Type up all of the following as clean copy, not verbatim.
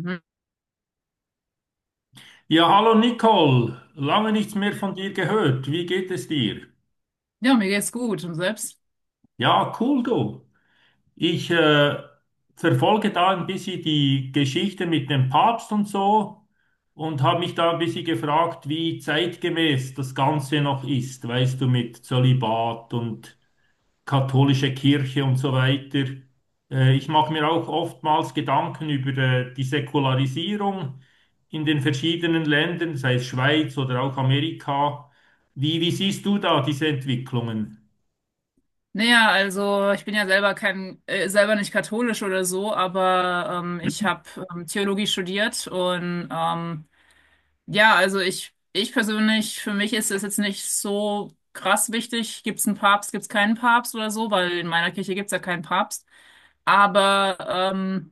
Mhm. Ja, hallo Nicole, lange nichts mehr von dir gehört. Wie geht es dir? Ja, mir geht's gut. Und selbst? Ja, cool du. Ich verfolge da ein bisschen die Geschichte mit dem Papst und so und habe mich da ein bisschen gefragt, wie zeitgemäß das Ganze noch ist, weißt du, mit Zölibat und katholische Kirche und so weiter. Ich mache mir auch oftmals Gedanken über die Säkularisierung in den verschiedenen Ländern, sei es Schweiz oder auch Amerika. Wie siehst du da diese Entwicklungen? Naja, also ich bin ja selber kein, selber nicht katholisch oder so, aber ich habe Theologie studiert und ja, also ich persönlich, für mich ist es jetzt nicht so krass wichtig, gibt's einen Papst, gibt's keinen Papst oder so, weil in meiner Kirche gibt's ja keinen Papst. Aber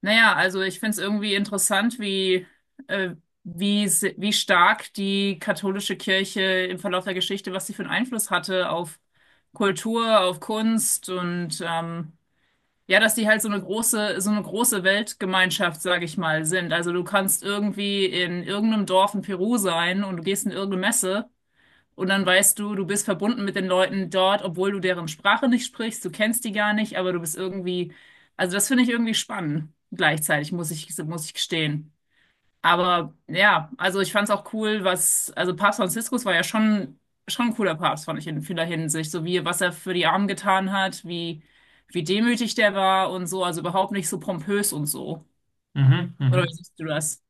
naja, also ich finde es irgendwie interessant, äh, wie stark die katholische Kirche im Verlauf der Geschichte, was sie für einen Einfluss hatte auf Kultur, auf Kunst und ja, dass die halt so eine große Weltgemeinschaft, sage ich mal, sind. Also du kannst irgendwie in irgendeinem Dorf in Peru sein und du gehst in irgendeine Messe. Und dann weißt du, du bist verbunden mit den Leuten dort, obwohl du deren Sprache nicht sprichst, du kennst die gar nicht, aber du bist irgendwie, also das finde ich irgendwie spannend, gleichzeitig, muss ich gestehen. Aber ja, also ich fand es auch cool, was, also Papst Franziskus war ja schon, schon ein cooler Papst, fand ich in vieler Hinsicht, so wie, was er für die Armen getan hat, wie, wie demütig der war und so, also überhaupt nicht so pompös und so. Mhm, Oder wie mhm. siehst du das?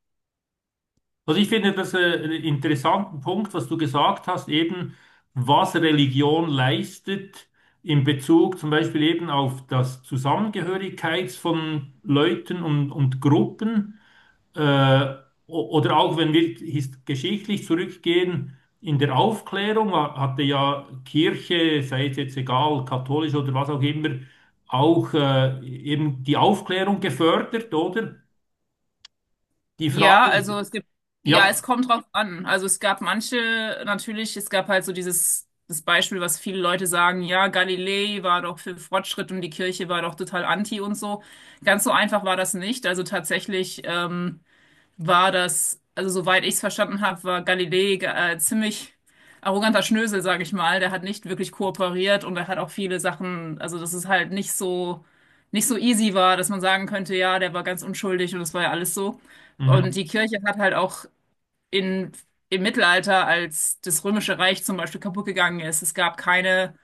Also ich finde das einen interessanten Punkt, was du gesagt hast, eben was Religion leistet in Bezug zum Beispiel eben auf das Zusammengehörigkeits von Leuten und Gruppen. Äh, oder auch wenn wir geschichtlich zurückgehen, in der Aufklärung hatte ja Kirche, sei es jetzt egal, katholisch oder was auch immer, auch eben die Aufklärung gefördert, oder? Die Ja, Frage also ist, es gibt, ja, ja, es kommt drauf an. Also es gab manche, natürlich, es gab halt so dieses, das Beispiel, was viele Leute sagen, ja, Galilei war doch für Fortschritt und die Kirche war doch total anti und so. Ganz so einfach war das nicht. Also tatsächlich, war das, also soweit ich es verstanden habe, war Galilei ziemlich arroganter Schnösel, sage ich mal. Der hat nicht wirklich kooperiert und er hat auch viele Sachen, also dass es halt nicht so, nicht so easy war, dass man sagen könnte, ja, der war ganz unschuldig und das war ja alles so. Und mhm. die Kirche hat halt auch in, im Mittelalter, als das Römische Reich zum Beispiel kaputt gegangen ist, es gab keine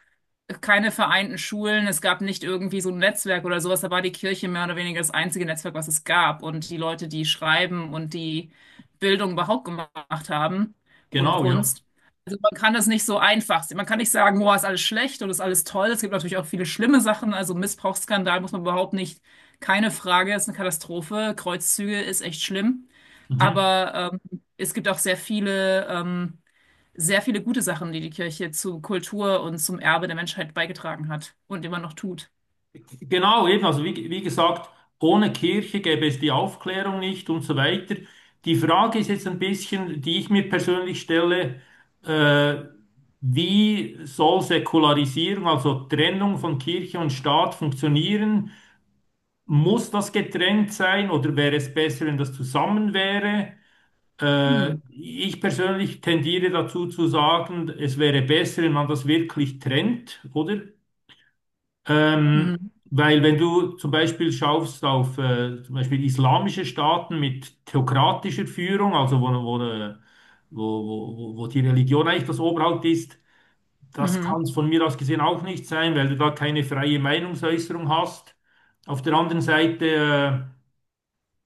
keine vereinten Schulen, es gab nicht irgendwie so ein Netzwerk oder sowas, da war die Kirche mehr oder weniger das einzige Netzwerk, was es gab. Und die Leute, die schreiben und die Bildung überhaupt gemacht haben und Genau, ja. Kunst. Also man kann das nicht so einfach sehen. Man kann nicht sagen, boah, ist alles schlecht oder ist alles toll. Es gibt natürlich auch viele schlimme Sachen. Also Missbrauchsskandal muss man überhaupt nicht, keine Frage, ist eine Katastrophe. Kreuzzüge ist echt schlimm. Mhm. Aber es gibt auch sehr viele. Sehr viele gute Sachen, die die Kirche zu Kultur und zum Erbe der Menschheit beigetragen hat und immer noch tut. Genau, eben, also wie, wie gesagt, ohne Kirche gäbe es die Aufklärung nicht und so weiter. Die Frage ist jetzt ein bisschen, die ich mir persönlich stelle, äh, wie soll Säkularisierung, also Trennung von Kirche und Staat funktionieren? Muss das getrennt sein oder wäre es besser, wenn das zusammen wäre? Hm. Ich persönlich tendiere dazu zu sagen, es wäre besser, wenn man das wirklich trennt, oder? Ähm, Mhm. Weil wenn du zum Beispiel schaust auf zum Beispiel islamische Staaten mit theokratischer Führung, also wo, wo die Religion eigentlich das Oberhaupt ist, das kann Mhm. es von mir aus gesehen auch nicht sein, weil du da keine freie Meinungsäußerung hast. Auf der anderen Seite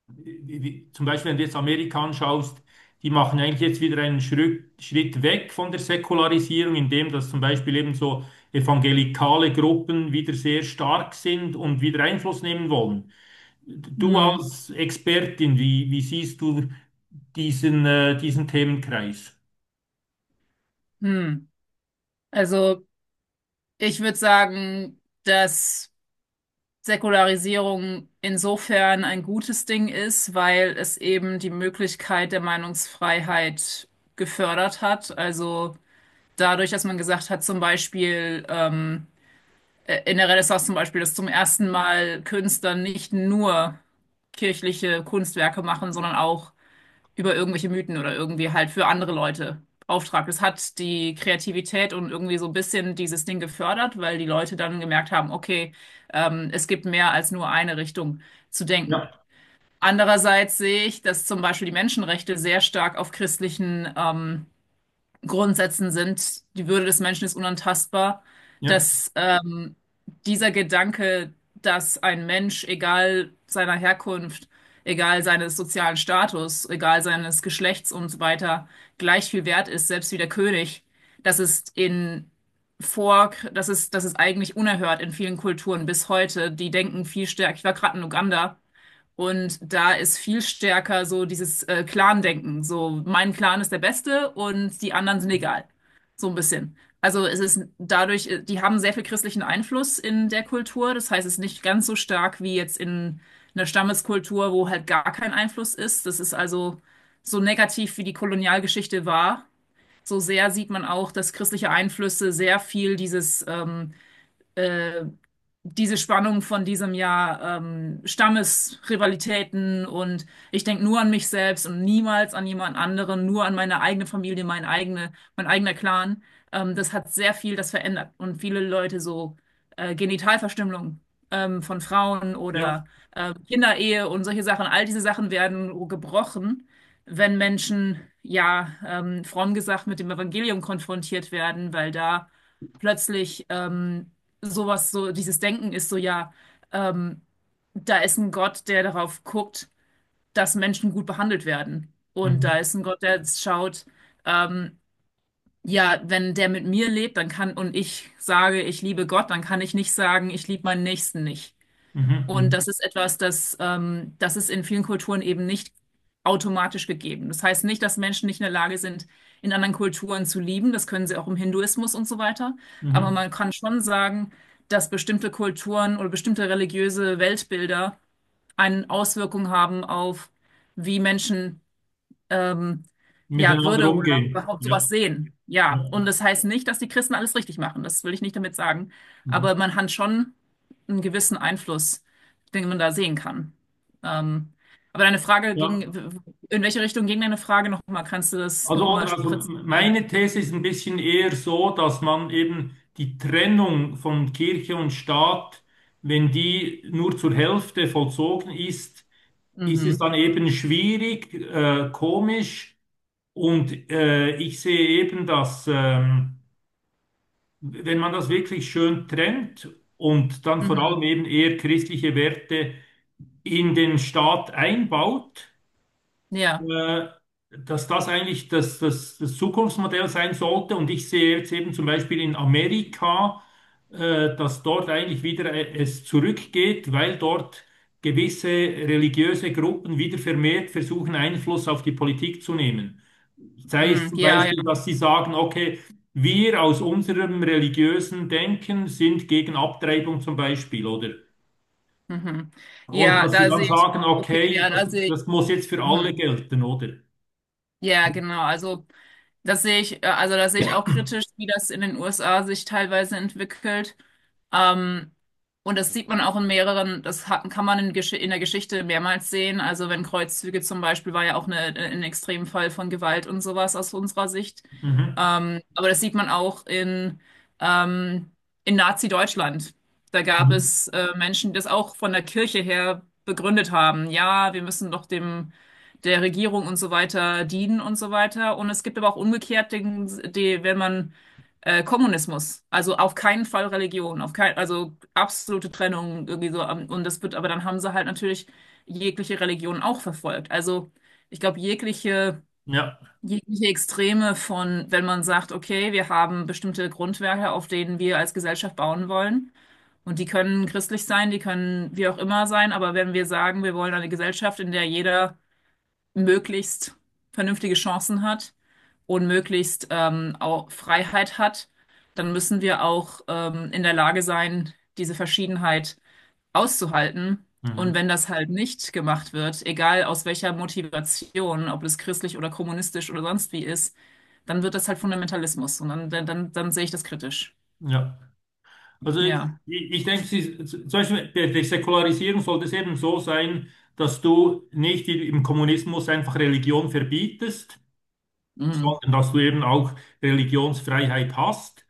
wie, zum Beispiel, wenn du jetzt Amerika anschaust, die machen eigentlich jetzt wieder einen Schritt weg von der Säkularisierung, indem dass zum Beispiel eben so evangelikale Gruppen wieder sehr stark sind und wieder Einfluss nehmen wollen. Du Mhm. als Expertin, wie siehst du diesen Themenkreis? Mhm. Also ich würde sagen, dass Säkularisierung insofern ein gutes Ding ist, weil es eben die Möglichkeit der Meinungsfreiheit gefördert hat. Also dadurch, dass man gesagt hat, zum Beispiel in der Renaissance zum Beispiel, dass zum ersten Mal Künstlern nicht nur kirchliche Kunstwerke machen, sondern auch über irgendwelche Mythen oder irgendwie halt für andere Leute Auftrag. Das hat die Kreativität und irgendwie so ein bisschen dieses Ding gefördert, weil die Leute dann gemerkt haben, okay, es gibt mehr als nur eine Richtung zu Ja, denken. Andererseits sehe ich, dass zum Beispiel die Menschenrechte sehr stark auf christlichen Grundsätzen sind, die Würde des Menschen ist unantastbar, ja, dass dieser Gedanke, dass ein Mensch, egal seiner Herkunft, egal seines sozialen Status, egal seines Geschlechts und so weiter, gleich viel wert ist, selbst wie der König, das ist das ist, das ist eigentlich unerhört in vielen Kulturen bis heute. Die denken viel stärker. Ich war gerade in Uganda. Und da ist viel stärker so dieses Clan-Denken. So, mein Clan ist der Beste und die anderen sind egal. So ein bisschen. Also es ist dadurch, die haben sehr viel christlichen Einfluss in der Kultur. Das heißt, es ist nicht ganz so stark wie jetzt in einer Stammeskultur, wo halt gar kein Einfluss ist. Das ist also so negativ, wie die Kolonialgeschichte war. So sehr sieht man auch, dass christliche Einflüsse sehr viel dieses äh, diese Spannung von diesem Jahr, Stammesrivalitäten und ich denke nur an mich selbst und niemals an jemand anderen, nur an meine eigene Familie, mein eigener Clan. Das hat sehr viel das verändert und viele Leute so Genitalverstümmelung von Frauen ja. oder Kinderehe und solche Sachen, all diese Sachen werden gebrochen, wenn Menschen, ja, fromm gesagt, mit dem Evangelium konfrontiert werden, weil da plötzlich sowas, so dieses Denken ist so, ja, ähm, da ist ein Gott, der darauf guckt, dass Menschen gut behandelt werden. Und Mhm. da ist ein Gott, der schaut, ähm, ja, wenn der mit mir lebt, dann kann, und ich sage, ich liebe Gott, dann kann ich nicht sagen, ich liebe meinen Nächsten nicht. Mhm. Und Mhm. das ist etwas, das ist in vielen Kulturen eben nicht automatisch gegeben. Das heißt nicht, dass Menschen nicht in der Lage sind, in anderen Kulturen zu lieben. Das können sie auch im Hinduismus und so weiter. Aber Mhm. man kann schon sagen, dass bestimmte Kulturen oder bestimmte religiöse Weltbilder eine Auswirkung haben auf, wie Menschen ähm, ja, Miteinander Würde oder umgehen. überhaupt sowas Ja, sehen. Ja, ja. und das heißt nicht, dass die Christen alles richtig machen. Das will ich nicht damit sagen. Mhm. Aber man hat schon einen gewissen Einfluss, den man da sehen kann. Ähm, aber deine Frage ging, Ja. in welche Richtung ging deine Frage nochmal? Kannst du das Also, nochmal oder, also präzisieren? meine These ist ein bisschen eher so, dass man eben die Trennung von Kirche und Staat, wenn die nur zur Hälfte vollzogen ist, ist es Mhm. dann eben schwierig, komisch. Und ich sehe eben, dass wenn man das wirklich schön trennt und dann vor allem Mhm. eben eher christliche Werte in den Staat einbaut, Ja, äh, dass das eigentlich das Zukunftsmodell sein sollte. Und ich sehe jetzt eben zum Beispiel in Amerika, dass dort eigentlich wieder es zurückgeht, weil dort gewisse religiöse Gruppen wieder vermehrt versuchen, Einfluss auf die Politik zu nehmen. Sei es mhm. zum Ja, ja. Beispiel, dass sie sagen, okay, wir aus unserem religiösen Denken sind gegen Abtreibung zum Beispiel, oder? Mhm. Und Ja, dass sie da dann sehe ich. sagen, Okay, okay, ja, da sehe ich. das muss jetzt für alle Mhm. gelten, oder? Ja, genau. Also. Das sehe ich, also das sehe ich auch kritisch, wie das in den USA sich teilweise entwickelt. Ähm, und das sieht man auch in mehreren, kann man in der Geschichte mehrmals sehen. Also wenn Kreuzzüge zum Beispiel war ja auch ein Extremfall von Gewalt und sowas aus unserer Sicht. Mhm. Aber das sieht man auch ähm, in Nazi-Deutschland. Da gab Mhm. es Menschen, die das auch von der Kirche her begründet haben. Ja, wir müssen doch dem der Regierung und so weiter dienen und so weiter. Und es gibt aber auch umgekehrt, wenn man Kommunismus, also auf keinen Fall Religion, auf kein, also absolute Trennung irgendwie so. Ähm, und das wird, aber dann haben sie halt natürlich jegliche Religion auch verfolgt. Also ich glaube, Ja, jegliche Extreme von, wenn man sagt, okay, wir haben bestimmte Grundwerte, auf denen wir als Gesellschaft bauen wollen. Und die können christlich sein, die können wie auch immer sein, aber wenn wir sagen, wir wollen eine Gesellschaft, in der jeder möglichst vernünftige Chancen hat und möglichst auch Freiheit hat, dann müssen wir auch in der Lage sein, diese Verschiedenheit auszuhalten. Und mhm. wenn das halt nicht gemacht wird, egal aus welcher Motivation, ob es christlich oder kommunistisch oder sonst wie ist, dann wird das halt Fundamentalismus. Und dann sehe ich das kritisch. Ja. Also ich, Ja. Ich denke, sie, zum Beispiel bei der Säkularisierung sollte es eben so sein, dass du nicht im Kommunismus einfach Religion verbietest, Mhm. sondern dass du eben auch Religionsfreiheit hast.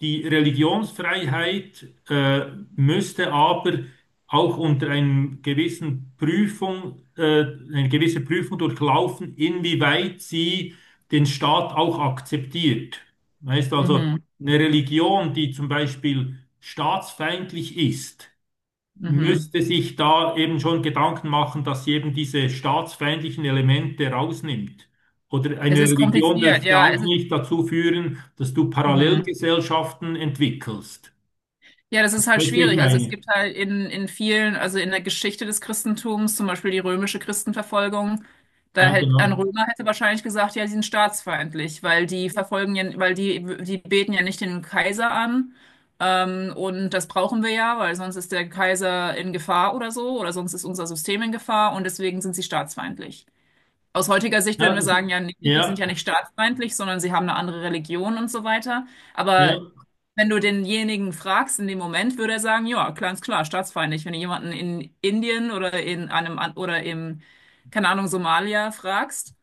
Die Religionsfreiheit müsste aber auch unter einem gewissen Prüfung, eine gewisse Prüfung durchlaufen, inwieweit sie den Staat auch akzeptiert. Weißt also, Mhm. eine Religion, die zum Beispiel staatsfeindlich ist, Mhm. müsste sich da eben schon Gedanken machen, dass sie eben diese staatsfeindlichen Elemente rausnimmt. Oder Es eine ist Religion kompliziert, dürfte ja. Es auch ist, nicht dazu führen, dass du mhm. Parallelgesellschaften entwickelst. Ja, das ist halt Weißt du, wie ich schwierig. Also es meine? gibt halt in vielen, also in der Geschichte des Christentums, zum Beispiel die römische Christenverfolgung, Ja, ein genau. Römer hätte wahrscheinlich gesagt, ja, die sind staatsfeindlich, weil die verfolgen ja, weil die beten ja nicht den Kaiser an. Und das brauchen wir ja, weil sonst ist der Kaiser in Gefahr oder so, oder sonst ist unser System in Gefahr und deswegen sind sie staatsfeindlich. Aus heutiger Sicht würden Ja, wir das, sagen, ja, nee, die sind ja ja, nicht staatsfeindlich, sondern sie haben eine andere Religion und so weiter. ja. Aber wenn du denjenigen fragst in dem Moment, würde er sagen, ja, klar, ist klar, staatsfeindlich. Wenn du jemanden in Indien oder in einem an- oder im, keine Ahnung, Somalia fragst,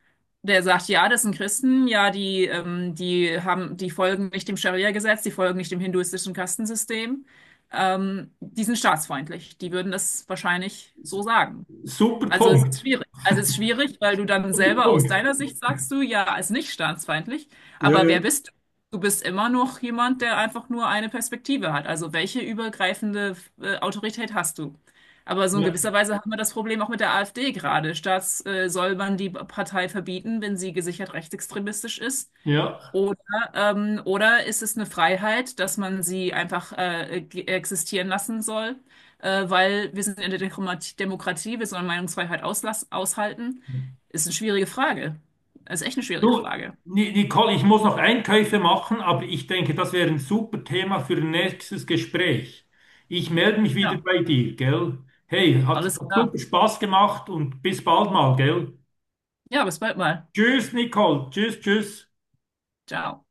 der sagt, ja, das sind Christen, ja, die folgen nicht dem Scharia-Gesetz, die folgen nicht dem hinduistischen Kastensystem, die sind staatsfeindlich. Die würden das wahrscheinlich so sagen. Super Also es ist Punkt. schwierig. Also es ist schwierig, weil du dann Super selber aus Punkt. deiner Sicht sagst du, ja, ist nicht staatsfeindlich. Ja, Aber ja, wer bist du? Du bist immer noch jemand, der einfach nur eine Perspektive hat. Also welche übergreifende Autorität hast du? Aber so in ja. gewisser Weise haben wir das Problem auch mit der AfD gerade. Soll man die Partei verbieten, wenn sie gesichert rechtsextremistisch ist? Ja. Oder, oder ist es eine Freiheit, dass man sie einfach existieren lassen soll, weil wir sind in der Demokratie, wir sollen Meinungsfreiheit auslass aushalten? Ist eine schwierige Frage. Ist echt eine schwierige Du, Frage. Nicole, ich muss noch Einkäufe machen, aber ich denke, das wäre ein super Thema für ein nächstes Gespräch. Ich melde mich wieder Ja, bei dir, gell? Hey, alles hat super klar. Spaß gemacht und bis bald mal, gell? Ja, bis bald mal. Tschüss, Nicole. Tschüss, tschüss. Ciao.